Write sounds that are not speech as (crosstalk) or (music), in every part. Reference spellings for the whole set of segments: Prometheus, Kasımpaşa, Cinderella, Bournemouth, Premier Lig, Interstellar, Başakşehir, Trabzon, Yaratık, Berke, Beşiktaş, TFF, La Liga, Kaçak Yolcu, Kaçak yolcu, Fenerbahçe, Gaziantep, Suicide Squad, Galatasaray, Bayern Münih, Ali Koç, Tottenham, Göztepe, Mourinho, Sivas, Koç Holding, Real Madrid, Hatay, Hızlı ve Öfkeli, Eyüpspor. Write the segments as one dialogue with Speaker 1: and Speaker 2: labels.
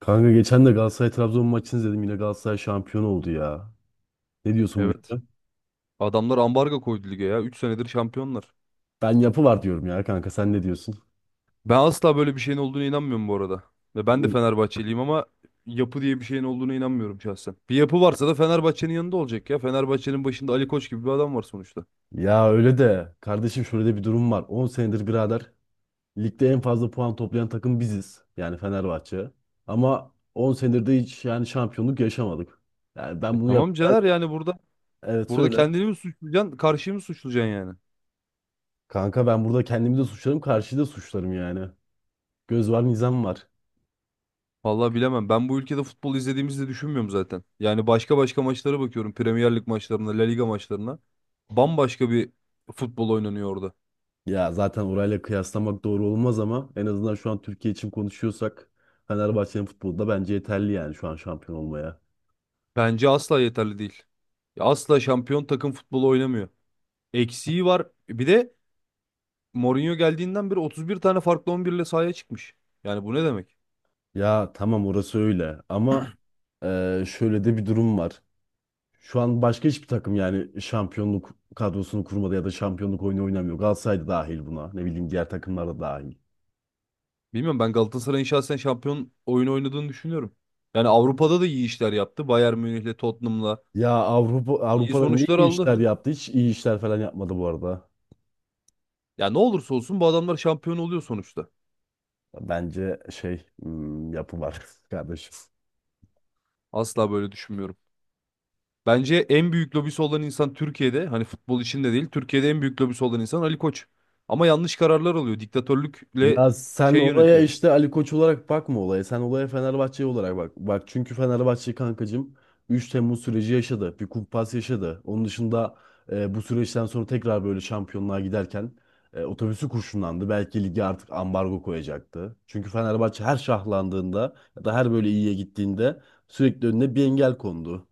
Speaker 1: Kanka geçen de Galatasaray Trabzon maçını izledim. Yine Galatasaray şampiyon oldu ya. Ne diyorsun bu
Speaker 2: Evet.
Speaker 1: işe?
Speaker 2: Adamlar ambargo koydu lige ya. 3 senedir şampiyonlar.
Speaker 1: Ben yapı var diyorum ya kanka. Sen ne diyorsun?
Speaker 2: Ben asla böyle bir şeyin olduğuna inanmıyorum bu arada. Ve ben de
Speaker 1: Bu-
Speaker 2: Fenerbahçeliyim ama yapı diye bir şeyin olduğuna inanmıyorum şahsen. Bir yapı varsa da Fenerbahçe'nin yanında olacak ya. Fenerbahçe'nin başında Ali Koç gibi bir adam var sonuçta.
Speaker 1: Ya öyle de kardeşim şöyle de bir durum var. 10 senedir birader ligde en fazla puan toplayan takım biziz. Yani Fenerbahçe. Ama 10 senedir de hiç yani şampiyonluk yaşamadık.
Speaker 2: E tamam
Speaker 1: Evet,
Speaker 2: Caner, yani burada
Speaker 1: evet,
Speaker 2: burada
Speaker 1: söyle.
Speaker 2: kendini mi suçlayacaksın, karşıyı mı suçlayacaksın yani?
Speaker 1: Kanka ben burada kendimi de suçlarım, karşıyı da suçlarım yani. Göz var, nizam var.
Speaker 2: Vallahi bilemem. Ben bu ülkede futbol izlediğimizi de düşünmüyorum zaten. Yani başka başka maçlara bakıyorum. Premier Lig maçlarına, La Liga maçlarına. Bambaşka bir futbol oynanıyor orada.
Speaker 1: Ya zaten orayla kıyaslamak doğru olmaz ama en azından şu an Türkiye için konuşuyorsak Fenerbahçe'nin futbolda bence yeterli yani şu an şampiyon olmaya.
Speaker 2: Bence asla yeterli değil. Ya asla şampiyon takım futbolu oynamıyor. Eksiği var. Bir de Mourinho geldiğinden beri 31 tane farklı 11 ile sahaya çıkmış. Yani bu ne demek?
Speaker 1: Ya tamam orası öyle ama şöyle de bir durum var. Şu an başka hiçbir takım yani şampiyonluk kadrosunu kurmadı ya da şampiyonluk oyunu oynamıyor. Galatasaray da dahil buna. Ne bileyim diğer takımlar da dahil.
Speaker 2: Bilmiyorum, ben Galatasaray'ın şahsen şampiyon oyunu oynadığını düşünüyorum. Yani Avrupa'da da iyi işler yaptı. Bayern Münih'le, Tottenham'la
Speaker 1: Ya Avrupa
Speaker 2: iyi
Speaker 1: Avrupa'da ne
Speaker 2: sonuçlar
Speaker 1: iyi
Speaker 2: aldı.
Speaker 1: işler yaptı? Hiç iyi işler falan yapmadı bu arada.
Speaker 2: Ya ne olursa olsun bu adamlar şampiyon oluyor sonuçta.
Speaker 1: Bence şey yapı var (laughs) kardeşim.
Speaker 2: Asla böyle düşünmüyorum. Bence en büyük lobisi olan insan Türkiye'de, hani futbol içinde değil, Türkiye'de en büyük lobisi olan insan Ali Koç. Ama yanlış kararlar alıyor. Diktatörlükle
Speaker 1: Ya sen
Speaker 2: şey
Speaker 1: olaya
Speaker 2: yönetiyor.
Speaker 1: işte Ali Koç olarak bakma olaya. Sen olaya Fenerbahçe olarak bak. Bak çünkü Fenerbahçe kankacığım 3 Temmuz süreci yaşadı. Bir kumpas yaşadı. Onun dışında bu süreçten sonra tekrar böyle şampiyonluğa giderken otobüsü kurşunlandı. Belki lige artık ambargo koyacaktı. Çünkü Fenerbahçe her şahlandığında ya da her böyle iyiye gittiğinde sürekli önüne bir engel kondu.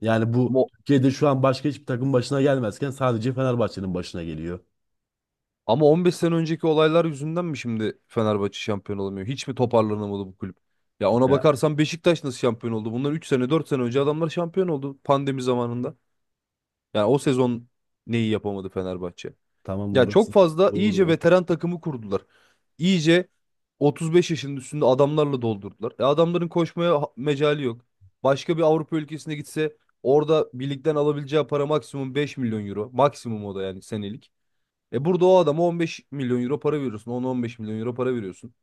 Speaker 1: Yani bu
Speaker 2: Ama,
Speaker 1: Türkiye'de şu an başka hiçbir takım başına gelmezken sadece Fenerbahçe'nin başına geliyor.
Speaker 2: ama 15 sene önceki olaylar yüzünden mi şimdi Fenerbahçe şampiyon olamıyor? Hiç mi toparlanamadı bu kulüp? Ya ona
Speaker 1: Ya
Speaker 2: bakarsan Beşiktaş nasıl şampiyon oldu? Bundan 3 sene 4 sene önce adamlar şampiyon oldu pandemi zamanında. Yani o sezon neyi yapamadı Fenerbahçe?
Speaker 1: tamam
Speaker 2: Ya çok
Speaker 1: orası
Speaker 2: fazla iyice
Speaker 1: doğru.
Speaker 2: veteran takımı kurdular. İyice 35 yaşının üstünde adamlarla doldurdular. E adamların koşmaya mecali yok. Başka bir Avrupa ülkesine gitse orada birlikten alabileceği para maksimum 5 milyon euro. Maksimum o da yani senelik. E burada o adama 15 milyon euro para veriyorsun. 10-15 milyon euro para veriyorsun.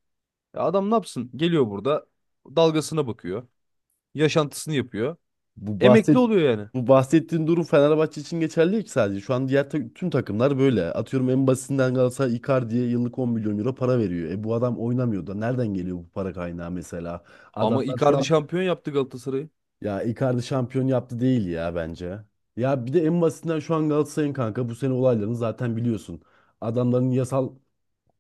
Speaker 2: E adam ne yapsın? Geliyor burada dalgasına bakıyor. Yaşantısını yapıyor.
Speaker 1: Bu
Speaker 2: Emekli
Speaker 1: bahset
Speaker 2: oluyor yani.
Speaker 1: bu bahsettiğin durum Fenerbahçe için geçerli değil ki sadece. Şu an diğer tüm takımlar böyle. Atıyorum en basitinden Galatasaray Icardi'ye yıllık 10 milyon euro para veriyor. E bu adam oynamıyor da nereden geliyor bu para kaynağı mesela?
Speaker 2: Ama
Speaker 1: Adamlar şu
Speaker 2: Icardi
Speaker 1: an
Speaker 2: şampiyon yaptı Galatasaray'ı.
Speaker 1: ya Icardi şampiyon yaptı değil ya bence. Ya bir de en basitinden şu an Galatasaray'ın kanka bu sene olaylarını zaten biliyorsun. Adamların yasal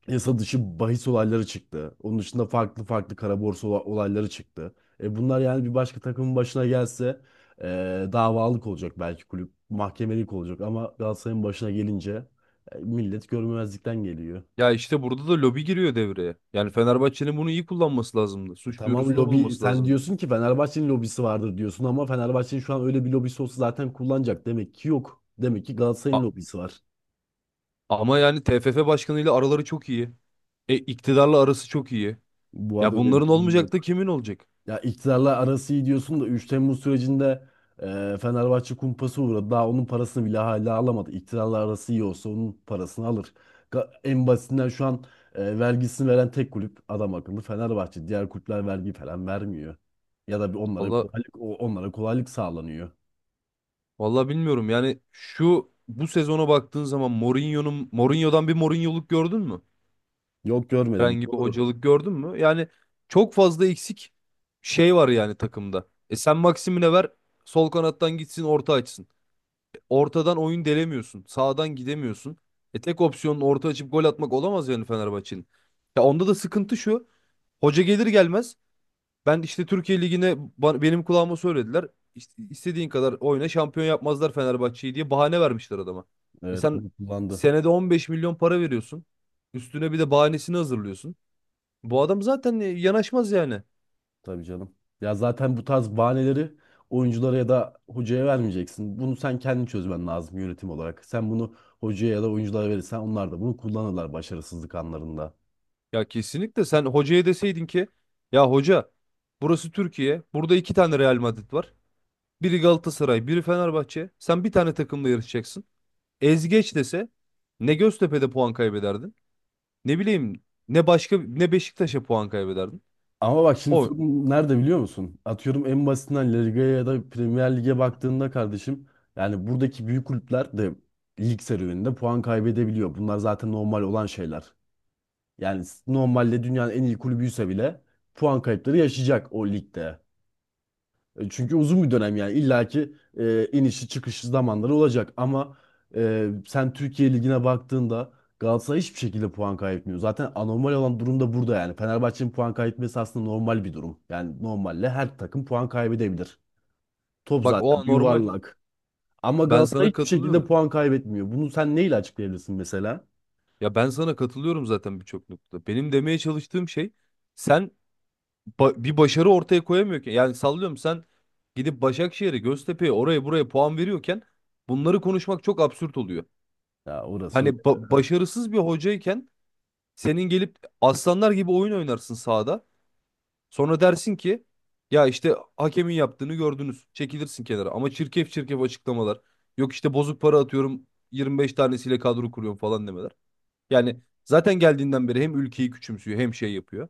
Speaker 1: yasa dışı bahis olayları çıktı. Onun dışında farklı farklı kara borsa olayları çıktı. E bunlar yani bir başka takımın başına gelse davalık olacak belki kulüp, mahkemelik olacak ama Galatasaray'ın başına gelince millet görmemezlikten geliyor.
Speaker 2: Ya işte burada da lobi giriyor devreye. Yani Fenerbahçe'nin bunu iyi kullanması lazımdı.
Speaker 1: E,
Speaker 2: Suç
Speaker 1: tamam
Speaker 2: duyurusunda
Speaker 1: lobi
Speaker 2: bulunması
Speaker 1: sen
Speaker 2: lazımdı.
Speaker 1: diyorsun ki Fenerbahçe'nin lobisi vardır diyorsun ama Fenerbahçe'nin şu an öyle bir lobisi olsa zaten kullanacak. Demek ki yok. Demek ki
Speaker 2: A-
Speaker 1: Galatasaray'ın lobisi var.
Speaker 2: ama yani TFF başkanıyla araları çok iyi. E, iktidarla arası çok iyi.
Speaker 1: Bu
Speaker 2: Ya
Speaker 1: arada öyle bir
Speaker 2: bunların
Speaker 1: durum
Speaker 2: olmayacak da
Speaker 1: yok.
Speaker 2: kimin olacak?
Speaker 1: Ya iktidarla arası iyi diyorsun da 3 Temmuz sürecinde Fenerbahçe kumpası uğradı. Daha onun parasını bile hala alamadı. İktidarla arası iyi olsa onun parasını alır. En basitinden şu an vergisini veren tek kulüp adam akıllı Fenerbahçe. Diğer kulüpler vergi falan vermiyor. Ya da bir onlara
Speaker 2: Valla
Speaker 1: kolaylık onlara kolaylık sağlanıyor.
Speaker 2: valla bilmiyorum. Yani şu bu sezona baktığın zaman Mourinho'nun Mourinho'dan bir Mourinho'luk gördün mü?
Speaker 1: Yok görmedim.
Speaker 2: Herhangi
Speaker 1: Bu
Speaker 2: bir
Speaker 1: doğru.
Speaker 2: hocalık gördün mü? Yani çok fazla eksik şey var yani takımda. E sen Maxim'ine ver, sol kanattan gitsin, orta açsın. Ortadan oyun delemiyorsun. Sağdan gidemiyorsun. E tek opsiyonun orta açıp gol atmak olamaz yani Fenerbahçe'nin. Ya onda da sıkıntı şu. Hoca gelir gelmez ben işte Türkiye Ligi'ne benim kulağıma söylediler. İşte istediğin kadar oyna şampiyon yapmazlar Fenerbahçe'yi diye bahane vermişler adama. E
Speaker 1: Evet
Speaker 2: sen
Speaker 1: bunu kullandı.
Speaker 2: senede 15 milyon para veriyorsun. Üstüne bir de bahanesini hazırlıyorsun. Bu adam zaten yanaşmaz yani.
Speaker 1: Tabii canım. Ya zaten bu tarz bahaneleri oyunculara ya da hocaya vermeyeceksin. Bunu sen kendin çözmen lazım yönetim olarak. Sen bunu hocaya ya da oyunculara verirsen onlar da bunu kullanırlar başarısızlık anlarında.
Speaker 2: Ya kesinlikle sen hocaya deseydin ki ya hoca, burası Türkiye. Burada iki tane Real Madrid var. Biri Galatasaray, biri Fenerbahçe. Sen bir tane takımla yarışacaksın. Ezgeç dese ne Göztepe'de puan kaybederdin, ne bileyim ne başka, ne Beşiktaş'a puan kaybederdin.
Speaker 1: Ama bak şimdi
Speaker 2: O,
Speaker 1: sorun nerede biliyor musun? Atıyorum en basitinden La Liga'ya ya da Premier Lig'e baktığında kardeşim yani buradaki büyük kulüpler de lig serüveninde puan kaybedebiliyor. Bunlar zaten normal olan şeyler. Yani normalde dünyanın en iyi kulübüyse bile puan kayıpları yaşayacak o ligde. E, çünkü uzun bir dönem yani illaki inişi çıkışı zamanları olacak ama sen Türkiye Ligi'ne baktığında Galatasaray hiçbir şekilde puan kaybetmiyor. Zaten anormal olan durum da burada yani. Fenerbahçe'nin puan kaybetmesi aslında normal bir durum. Yani normalle her takım puan kaybedebilir. Top
Speaker 2: bak, o
Speaker 1: zaten bir
Speaker 2: normal.
Speaker 1: yuvarlak. Ama
Speaker 2: Ben
Speaker 1: Galatasaray
Speaker 2: sana
Speaker 1: hiçbir şekilde
Speaker 2: katılıyorum.
Speaker 1: puan kaybetmiyor. Bunu sen neyle açıklayabilirsin mesela?
Speaker 2: Ya ben sana katılıyorum zaten birçok noktada. Benim demeye çalıştığım şey, sen bir başarı ortaya koyamıyorken, yani sallıyorum sen gidip Başakşehir'e, Göztepe'ye oraya buraya puan veriyorken bunları konuşmak çok absürt oluyor.
Speaker 1: Ya orası
Speaker 2: Hani
Speaker 1: öyle. Evet,
Speaker 2: başarısız bir hocayken, senin gelip aslanlar gibi oyun oynarsın sahada. Sonra dersin ki ya işte hakemin yaptığını gördünüz. Çekilirsin kenara. Ama çirkef çirkef açıklamalar. Yok işte bozuk para atıyorum 25 tanesiyle kadro kuruyorum falan demeler. Yani zaten geldiğinden beri hem ülkeyi küçümsüyor hem şey yapıyor.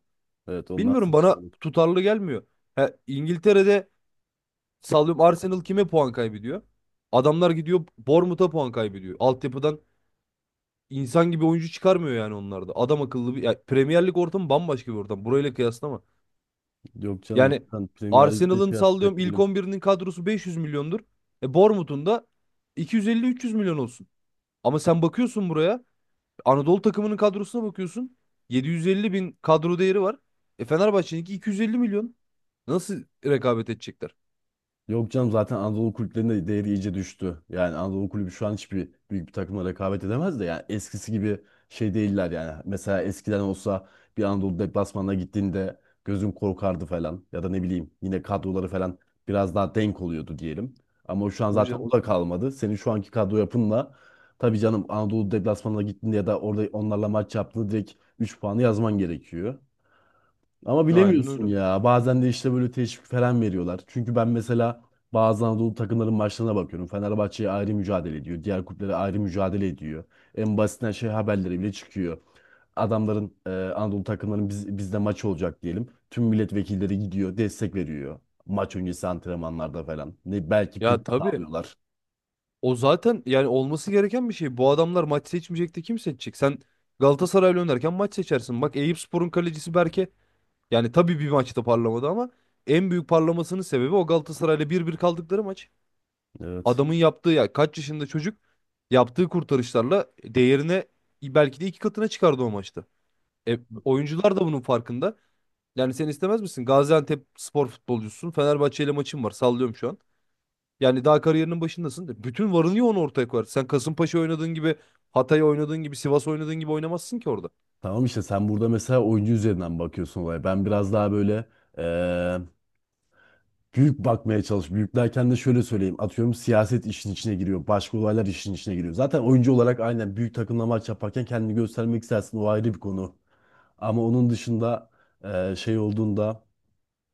Speaker 1: evet, onlar
Speaker 2: Bilmiyorum, bana
Speaker 1: saçmalık.
Speaker 2: tutarlı gelmiyor. Ha, İngiltere'de sallıyorum Arsenal kime puan kaybediyor? Adamlar gidiyor Bournemouth'a puan kaybediyor. Altyapıdan İnsan gibi oyuncu çıkarmıyor yani onlarda. Adam akıllı bir, ya Premier Lig ortamı bambaşka bir ortam. Burayla kıyaslama.
Speaker 1: Yok canım
Speaker 2: Yani
Speaker 1: zaten Premier Lig'de
Speaker 2: Arsenal'ın
Speaker 1: kıyaslayacak
Speaker 2: sallıyorum ilk
Speaker 1: değilim.
Speaker 2: on birinin kadrosu 500 milyondur. E Bournemouth'un da 250-300 milyon olsun. Ama sen bakıyorsun buraya, Anadolu takımının kadrosuna bakıyorsun. 750 bin kadro değeri var. E Fenerbahçe'ninki 250 milyon. Nasıl rekabet edecekler?
Speaker 1: Yok canım zaten Anadolu kulüplerinde değeri iyice düştü. Yani Anadolu kulübü şu an hiçbir büyük bir takımla rekabet edemez de yani eskisi gibi şey değiller yani. Mesela eskiden olsa bir Anadolu deplasmanına gittiğinde gözüm korkardı falan ya da ne bileyim yine kadroları falan biraz daha denk oluyordu diyelim. Ama şu an
Speaker 2: Tabii
Speaker 1: zaten
Speaker 2: canım.
Speaker 1: o da kalmadı. Senin şu anki kadro yapınla tabii canım Anadolu deplasmanına gittiğinde ya da orada onlarla maç yaptığında direkt 3 puanı yazman gerekiyor. Ama
Speaker 2: Aynen
Speaker 1: bilemiyorsun
Speaker 2: öyle.
Speaker 1: ya. Bazen de işte böyle teşvik falan veriyorlar. Çünkü ben mesela bazı Anadolu takımların maçlarına bakıyorum. Fenerbahçe'ye ayrı mücadele ediyor. Diğer kulüplere ayrı mücadele ediyor. En basitinden şey haberleri bile çıkıyor. Adamların Anadolu takımların bizde maç olacak diyelim. Tüm milletvekilleri gidiyor, destek veriyor. Maç öncesi antrenmanlarda falan. Ne belki prim
Speaker 2: Ya tabii.
Speaker 1: sağlıyorlar.
Speaker 2: O zaten yani olması gereken bir şey. Bu adamlar maç seçmeyecekti kim seçecek? Sen Galatasaray'la oynarken maç seçersin. Bak Eyüpspor'un kalecisi Berke, yani tabii bir maçta parlamadı ama en büyük parlamasının sebebi o Galatasaray'la bir bir kaldıkları maç.
Speaker 1: Evet.
Speaker 2: Adamın yaptığı, ya kaç yaşında çocuk, yaptığı kurtarışlarla değerine belki de iki katına çıkardı o maçta. E, oyuncular da bunun farkında. Yani sen istemez misin? Gaziantep spor futbolcusun. Fenerbahçe ile maçın var. Sallıyorum şu an. Yani daha kariyerinin başındasın de. Bütün varını yoğunu ortaya koyarsın. Sen Kasımpaşa oynadığın gibi, Hatay oynadığın gibi, Sivas oynadığın gibi oynamazsın ki orada.
Speaker 1: Tamam işte sen burada mesela oyuncu üzerinden bakıyorsun olaya. Ben biraz daha böyle e, büyük bakmaya çalış. Büyük derken de şöyle söyleyeyim. Atıyorum siyaset işin içine giriyor. Başka olaylar işin içine giriyor. Zaten oyuncu olarak aynen büyük takımla maç yaparken kendini göstermek istersin. O ayrı bir konu. Ama onun dışında şey olduğunda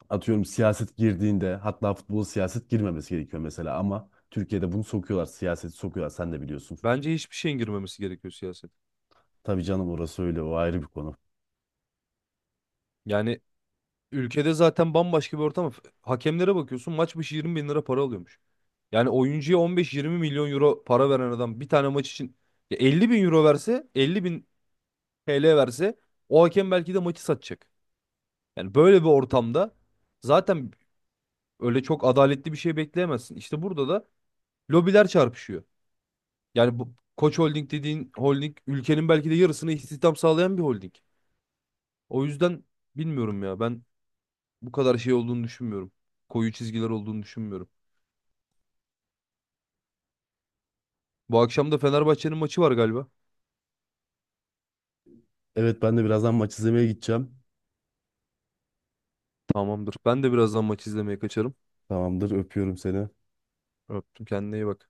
Speaker 1: atıyorum siyaset girdiğinde hatta futbola siyaset girmemesi gerekiyor mesela. Ama Türkiye'de bunu sokuyorlar. Siyaseti sokuyorlar. Sen de biliyorsun.
Speaker 2: Bence hiçbir şeyin girmemesi gerekiyor siyaset.
Speaker 1: Tabii canım orası öyle. O ayrı bir konu.
Speaker 2: Yani ülkede zaten bambaşka bir ortam. Hakemlere bakıyorsun maç başı 20 bin lira para alıyormuş. Yani oyuncuya 15-20 milyon euro para veren adam bir tane maç için ya 50 bin euro verse, 50 bin TL verse o hakem belki de maçı satacak. Yani böyle bir ortamda zaten öyle çok adaletli bir şey bekleyemezsin. İşte burada da lobiler çarpışıyor. Yani bu Koç Holding dediğin holding ülkenin belki de yarısını istihdam sağlayan bir holding. O yüzden bilmiyorum ya ben bu kadar şey olduğunu düşünmüyorum. Koyu çizgiler olduğunu düşünmüyorum. Bu akşam da Fenerbahçe'nin maçı var galiba.
Speaker 1: Evet ben de birazdan maç izlemeye gideceğim.
Speaker 2: Tamamdır. Ben de birazdan maç izlemeye kaçarım.
Speaker 1: Tamamdır öpüyorum seni.
Speaker 2: Öptüm. Kendine iyi bak.